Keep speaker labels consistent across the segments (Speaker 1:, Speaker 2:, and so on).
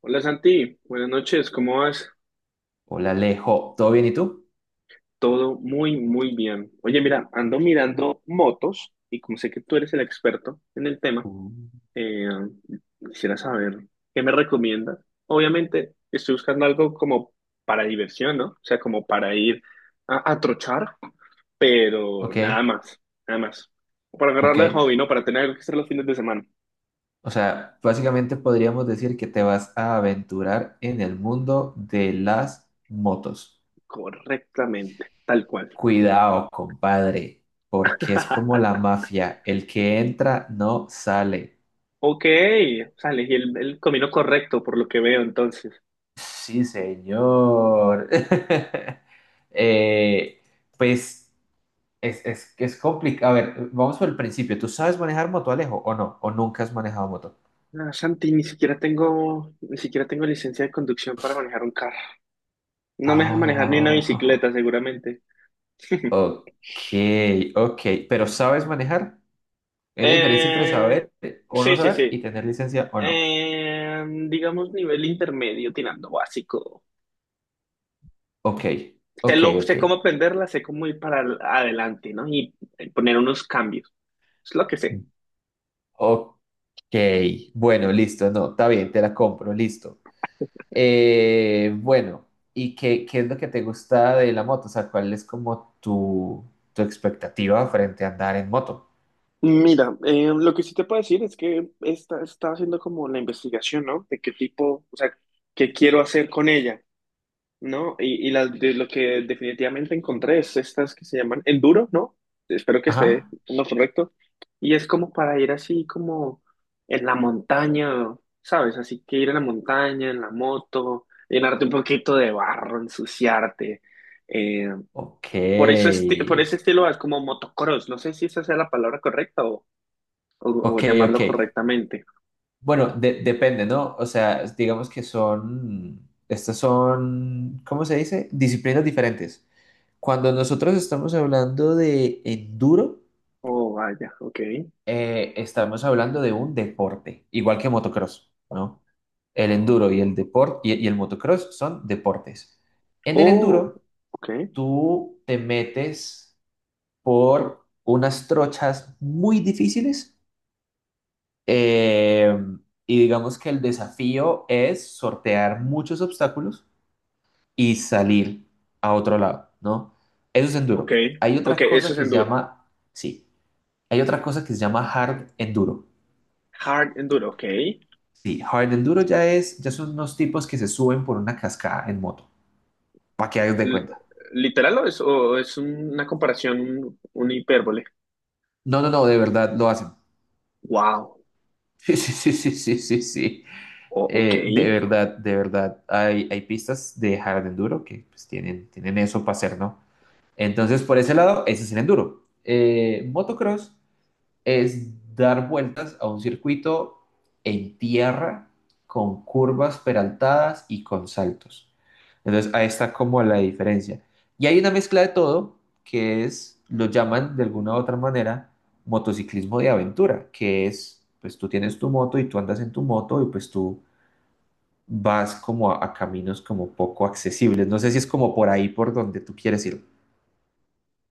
Speaker 1: Hola Santi, buenas noches, ¿cómo vas?
Speaker 2: Hola Alejo, ¿todo bien y tú?
Speaker 1: Todo muy, muy bien. Oye, mira, ando mirando motos y como sé que tú eres el experto en el tema,
Speaker 2: Mm.
Speaker 1: eh, quisiera saber qué me recomiendas. Obviamente estoy buscando algo como para diversión, ¿no? O sea, como para ir a trochar, pero
Speaker 2: Ok,
Speaker 1: nada más, nada más. O para
Speaker 2: ok.
Speaker 1: agarrarla de hobby, ¿no? Para tener algo que hacer los fines de semana.
Speaker 2: O sea, básicamente podríamos decir que te vas a aventurar en el mundo de las motos.
Speaker 1: Correctamente, tal cual.
Speaker 2: Cuidado, compadre, porque es como la mafia, el que entra no sale.
Speaker 1: Ok, o sea, elegí el camino correcto por lo que veo entonces.
Speaker 2: Sí, señor. Eh, pues es complicado. A ver, vamos por el principio. ¿Tú sabes manejar moto, Alejo, o no? ¿O nunca has manejado moto?
Speaker 1: Ah, Santi, ni siquiera tengo licencia de conducción para manejar un carro. No me dejan manejar ni una
Speaker 2: Ah.
Speaker 1: bicicleta, seguramente.
Speaker 2: Ok, ok. Pero ¿sabes manejar? Hay una diferencia entre
Speaker 1: Eh,
Speaker 2: saber o no
Speaker 1: sí, sí,
Speaker 2: saber
Speaker 1: sí.
Speaker 2: y tener licencia o no.
Speaker 1: Digamos nivel intermedio, tirando básico.
Speaker 2: Ok,
Speaker 1: Sé,
Speaker 2: ok,
Speaker 1: lo,
Speaker 2: ok.
Speaker 1: sé cómo aprenderla, sé cómo ir para adelante, ¿no? Y poner unos cambios. Es lo que sé.
Speaker 2: Ok. Bueno, listo. No, está bien, te la compro, listo. Bueno, ¿y qué es lo que te gusta de la moto? O sea, ¿cuál es como tu expectativa frente a andar en moto?
Speaker 1: Mira, lo que sí te puedo decir es que estaba haciendo como la investigación, ¿no? De qué tipo, o sea, qué quiero hacer con ella. No, y las lo que definitivamente encontré es estas que se llaman enduro, ¿no? Espero que esté
Speaker 2: Ajá.
Speaker 1: en lo correcto. Y es como para ir así como en la montaña, ¿sabes? Así que ir en la montaña, en la moto, llenarte un poquito de barro, ensuciarte. Eh,
Speaker 2: Ok.
Speaker 1: por ese estilo es como motocross. No sé si esa sea la palabra correcta o, o
Speaker 2: Ok, ok.
Speaker 1: llamarlo correctamente.
Speaker 2: Bueno, depende, ¿no? O sea, digamos que son, estas son, ¿cómo se dice? Disciplinas diferentes. Cuando nosotros estamos hablando de enduro,
Speaker 1: Oh, vaya, ok.
Speaker 2: estamos hablando de un deporte, igual que motocross, ¿no? El enduro y el deporte y el motocross son deportes. En el
Speaker 1: Oh,
Speaker 2: enduro,
Speaker 1: ok.
Speaker 2: tú te metes por unas trochas muy difíciles. Eh, y digamos que el desafío es sortear muchos obstáculos y salir a otro lado, ¿no? Eso es
Speaker 1: Ok,
Speaker 2: enduro. Hay
Speaker 1: ok,
Speaker 2: otra
Speaker 1: eso
Speaker 2: cosa
Speaker 1: es
Speaker 2: que se
Speaker 1: enduro.
Speaker 2: llama, sí, hay otra cosa que se llama hard enduro.
Speaker 1: Hard Enduro, ok.
Speaker 2: Sí, hard enduro ya es, ya son unos tipos que se suben por una cascada en moto, para que hagas de cuenta.
Speaker 1: ¿Literal o es una comparación, una hipérbole?
Speaker 2: No, no, no, de verdad lo hacen.
Speaker 1: Wow,
Speaker 2: Sí, sí, sí, sí, sí, sí, sí.
Speaker 1: ok.
Speaker 2: De verdad, de verdad, hay pistas de hard enduro que pues, tienen eso para hacer, ¿no? Entonces, por ese lado, ese es el enduro. Motocross es dar vueltas a un circuito en tierra con curvas peraltadas y con saltos. Entonces, ahí está como la diferencia. Y hay una mezcla de todo que es, lo llaman de alguna u otra manera, motociclismo de aventura, que es, pues tú tienes tu moto y tú andas en tu moto y pues tú vas como a caminos como poco accesibles. No sé si es como por ahí por donde tú quieres ir.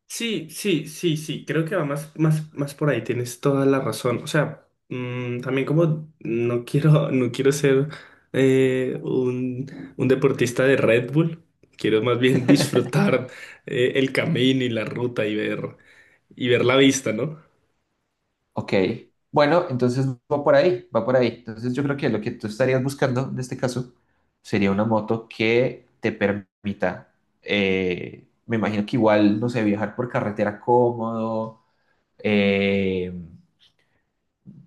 Speaker 1: Sí, sí, sí, sí, creo que va más, más, más por ahí, tienes toda la razón. O sea, también como no quiero ser un deportista de Red Bull, quiero más bien disfrutar el camino y la ruta y ver la vista, ¿no?
Speaker 2: Ok. Bueno, entonces va por ahí, va por ahí. Entonces yo creo que lo que tú estarías buscando en este caso sería una moto que te permita, me imagino que igual, no sé, viajar por carretera cómodo, eh,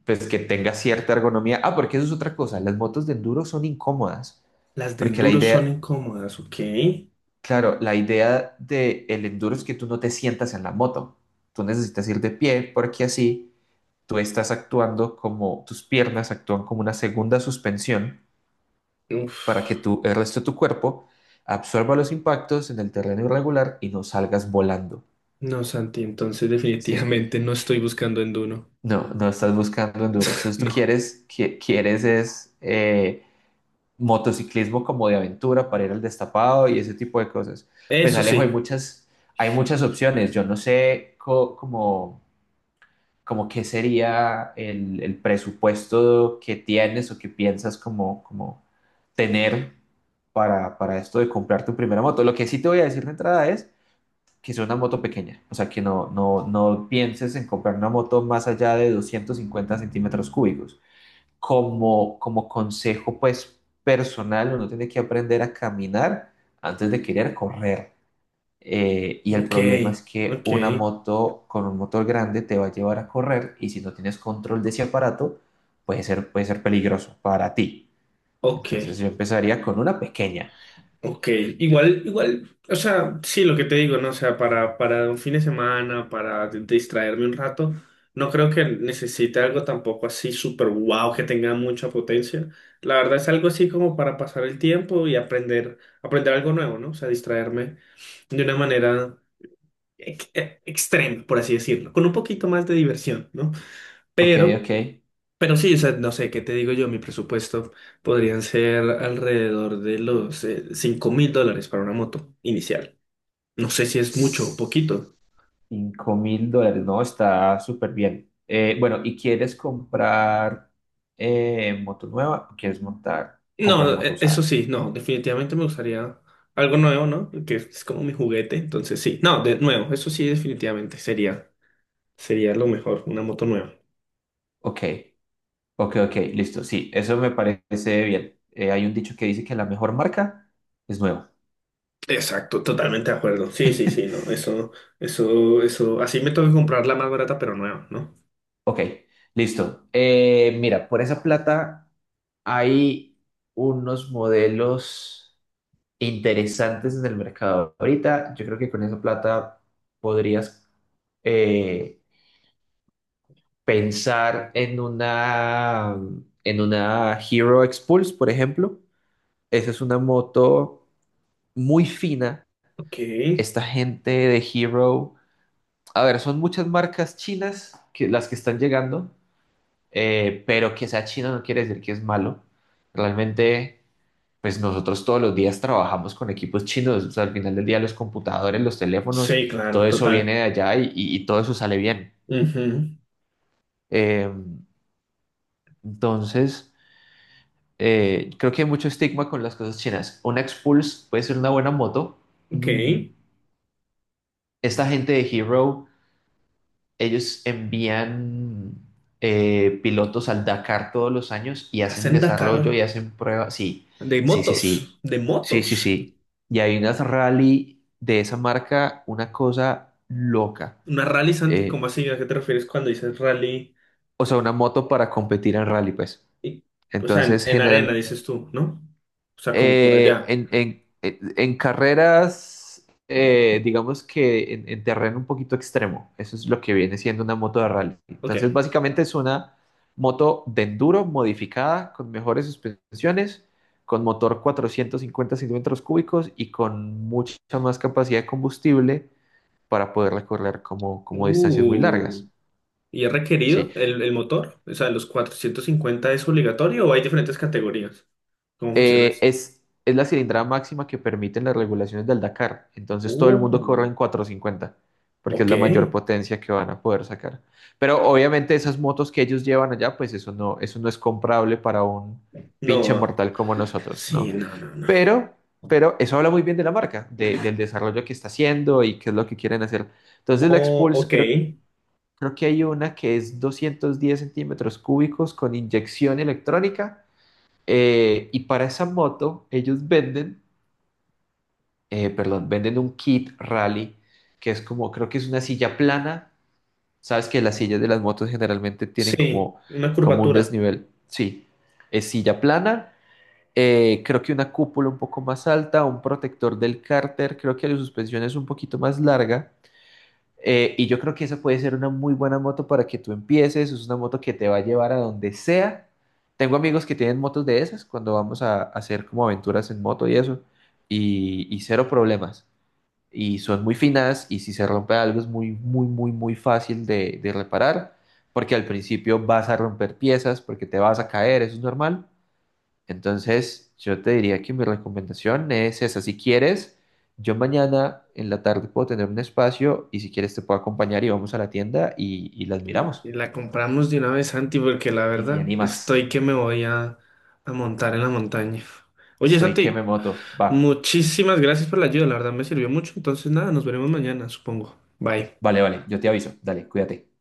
Speaker 2: pues que tenga cierta ergonomía. Ah, porque eso es otra cosa, las motos de enduro son incómodas,
Speaker 1: Las de
Speaker 2: porque la
Speaker 1: enduro son
Speaker 2: idea,
Speaker 1: incómodas, ¿ok?
Speaker 2: claro, la idea del enduro es que tú no te sientas en la moto, tú necesitas ir de pie porque así tú estás actuando como, tus piernas actúan como una segunda suspensión
Speaker 1: Uf,
Speaker 2: para que tú, el resto de tu cuerpo absorba los impactos en el terreno irregular y no salgas volando.
Speaker 1: no, Santi, entonces
Speaker 2: Sí,
Speaker 1: definitivamente no estoy buscando en
Speaker 2: no, no estás buscando enduro. Entonces tú
Speaker 1: No.
Speaker 2: quieres, quieres es motociclismo como de aventura para ir al destapado y ese tipo de cosas. Pues
Speaker 1: Eso
Speaker 2: Alejo,
Speaker 1: sí.
Speaker 2: hay muchas opciones. Yo no sé cómo como qué sería el presupuesto que tienes o que piensas como tener para esto de comprar tu primera moto. Lo que sí te voy a decir de entrada es que es una moto pequeña, o sea, que no, no, no pienses en comprar una moto más allá de 250 centímetros cúbicos. Como consejo, pues, personal, uno tiene que aprender a caminar antes de querer correr. Y el
Speaker 1: Ok,
Speaker 2: problema es que
Speaker 1: ok,
Speaker 2: una moto con un motor grande te va a llevar a correr y si no tienes control de ese aparato, puede ser peligroso para ti.
Speaker 1: ok,
Speaker 2: Entonces yo empezaría con una pequeña.
Speaker 1: ok. Igual, igual, o sea, sí, lo que te digo, ¿no? O sea, para un fin de semana, para distraerme un rato, no creo que necesite algo tampoco así súper wow que tenga mucha potencia. La verdad es algo así como para pasar el tiempo y aprender algo nuevo, ¿no? O sea, distraerme de una manera extrema, por así decirlo, con un poquito más de diversión, ¿no?
Speaker 2: Ok,
Speaker 1: Pero,
Speaker 2: ok.
Speaker 1: pero sí, o sea, no sé, ¿qué te digo yo? Mi presupuesto podrían ser alrededor de los $5.000 para una moto inicial. No sé si es mucho o poquito.
Speaker 2: 5.000 dólares, no, está súper bien. Bueno, ¿y quieres comprar moto nueva o quieres montar, comprar
Speaker 1: No,
Speaker 2: moto
Speaker 1: eso
Speaker 2: usada?
Speaker 1: sí, no, definitivamente me gustaría algo nuevo, ¿no? Que es como mi juguete, entonces sí. No, de nuevo, eso sí, definitivamente sería lo mejor, una moto nueva.
Speaker 2: Ok, ok, ok, listo. Sí, eso me parece bien. Hay un dicho que dice que la mejor marca es nueva.
Speaker 1: Exacto, totalmente de acuerdo. Sí, sí, sí, no, eso, así me toca comprar la más barata, pero nueva, ¿no?
Speaker 2: Ok, listo. Mira, por esa plata hay unos modelos interesantes en el mercado ahorita. Yo creo que con esa plata podrías eh, pensar en una Hero Expulse, por ejemplo. Esa es una moto muy fina.
Speaker 1: Ok,
Speaker 2: Esta gente de Hero, a ver, son muchas marcas chinas que, las que están llegando. Pero que sea chino no quiere decir que es malo. Realmente, pues nosotros todos los días trabajamos con equipos chinos. O sea, al final del día los computadores, los teléfonos,
Speaker 1: sí,
Speaker 2: todo
Speaker 1: claro,
Speaker 2: eso
Speaker 1: total.
Speaker 2: viene de allá y todo eso sale bien.
Speaker 1: Ujú.
Speaker 2: Eh, entonces, creo que hay mucho estigma con las cosas chinas. Una Expulse puede ser una buena moto.
Speaker 1: Ok.
Speaker 2: Mm. Esta gente de Hero ellos envían pilotos al Dakar todos los años y hacen
Speaker 1: Hacen
Speaker 2: desarrollo
Speaker 1: Dakar.
Speaker 2: y hacen pruebas. Sí,
Speaker 1: De
Speaker 2: sí, sí,
Speaker 1: motos.
Speaker 2: sí.
Speaker 1: De
Speaker 2: Sí, sí,
Speaker 1: motos.
Speaker 2: sí. Y hay unas rally de esa marca, una cosa loca.
Speaker 1: Una rally, Santi,
Speaker 2: Eh,
Speaker 1: ¿cómo así? ¿A qué te refieres cuando dices rally?
Speaker 2: o sea, una moto para competir en rally, pues.
Speaker 1: Y- o sea, en,
Speaker 2: Entonces,
Speaker 1: en arena
Speaker 2: general,
Speaker 1: dices tú, ¿no? O sea, como por allá.
Speaker 2: En carreras, digamos que en terreno un poquito extremo, eso es lo que viene siendo una moto de rally.
Speaker 1: Ok.
Speaker 2: Entonces, básicamente es una moto de enduro modificada con mejores suspensiones, con motor 450 centímetros cúbicos y con mucha más capacidad de combustible para poder recorrer como distancias muy largas.
Speaker 1: Uh, ¿Y es requerido
Speaker 2: Sí,
Speaker 1: el motor? O sea, ¿los 450 es obligatorio o hay diferentes categorías? ¿Cómo funciona
Speaker 2: Eh,
Speaker 1: eso?
Speaker 2: es, es la cilindrada máxima que permiten las regulaciones del Dakar. Entonces todo el mundo corre
Speaker 1: Uh,
Speaker 2: en 450 porque es
Speaker 1: ok.
Speaker 2: la mayor potencia que van a poder sacar. Pero obviamente esas motos que ellos llevan allá, pues eso no es comprable para un pinche
Speaker 1: No,
Speaker 2: mortal como nosotros,
Speaker 1: sí,
Speaker 2: ¿no?
Speaker 1: no, no, no.
Speaker 2: Pero, pero eso habla muy bien de la marca, del desarrollo que está haciendo y qué es lo que quieren hacer. Entonces la
Speaker 1: Oh,
Speaker 2: Expulse
Speaker 1: ok.
Speaker 2: creo que hay una que es 210 centímetros cúbicos con inyección electrónica y para esa moto, ellos venden, perdón, venden un kit rally, que es como, creo que es una silla plana. Sabes que las sillas de las motos generalmente tienen
Speaker 1: Sí,
Speaker 2: como,
Speaker 1: una
Speaker 2: como un
Speaker 1: curvatura.
Speaker 2: desnivel. Sí, es silla plana. Creo que una cúpula un poco más alta, un protector del cárter, creo que la suspensión es un poquito más larga. Y yo creo que esa puede ser una muy buena moto para que tú empieces. Es una moto que te va a llevar a donde sea. Tengo amigos que tienen motos de esas cuando vamos a hacer como aventuras en moto y eso. Y cero problemas. Y son muy finas y si se rompe algo es muy, muy, muy, muy fácil de reparar. Porque al principio vas a romper piezas, porque te vas a caer, eso es normal. Entonces, yo te diría que mi recomendación es esa. Si quieres, yo mañana en la tarde puedo tener un espacio y si quieres te puedo acompañar y vamos a la tienda y las
Speaker 1: Y, y
Speaker 2: miramos.
Speaker 1: la compramos de una vez, Santi, porque la
Speaker 2: Y te
Speaker 1: verdad
Speaker 2: animas.
Speaker 1: estoy que me voy a montar en la montaña. Oye,
Speaker 2: Estoy que
Speaker 1: Santi,
Speaker 2: me moto. Va.
Speaker 1: muchísimas gracias por la ayuda, la verdad me sirvió mucho. Entonces, nada, nos veremos mañana, supongo. Bye.
Speaker 2: Vale, vale. Yo te aviso. Dale, cuídate.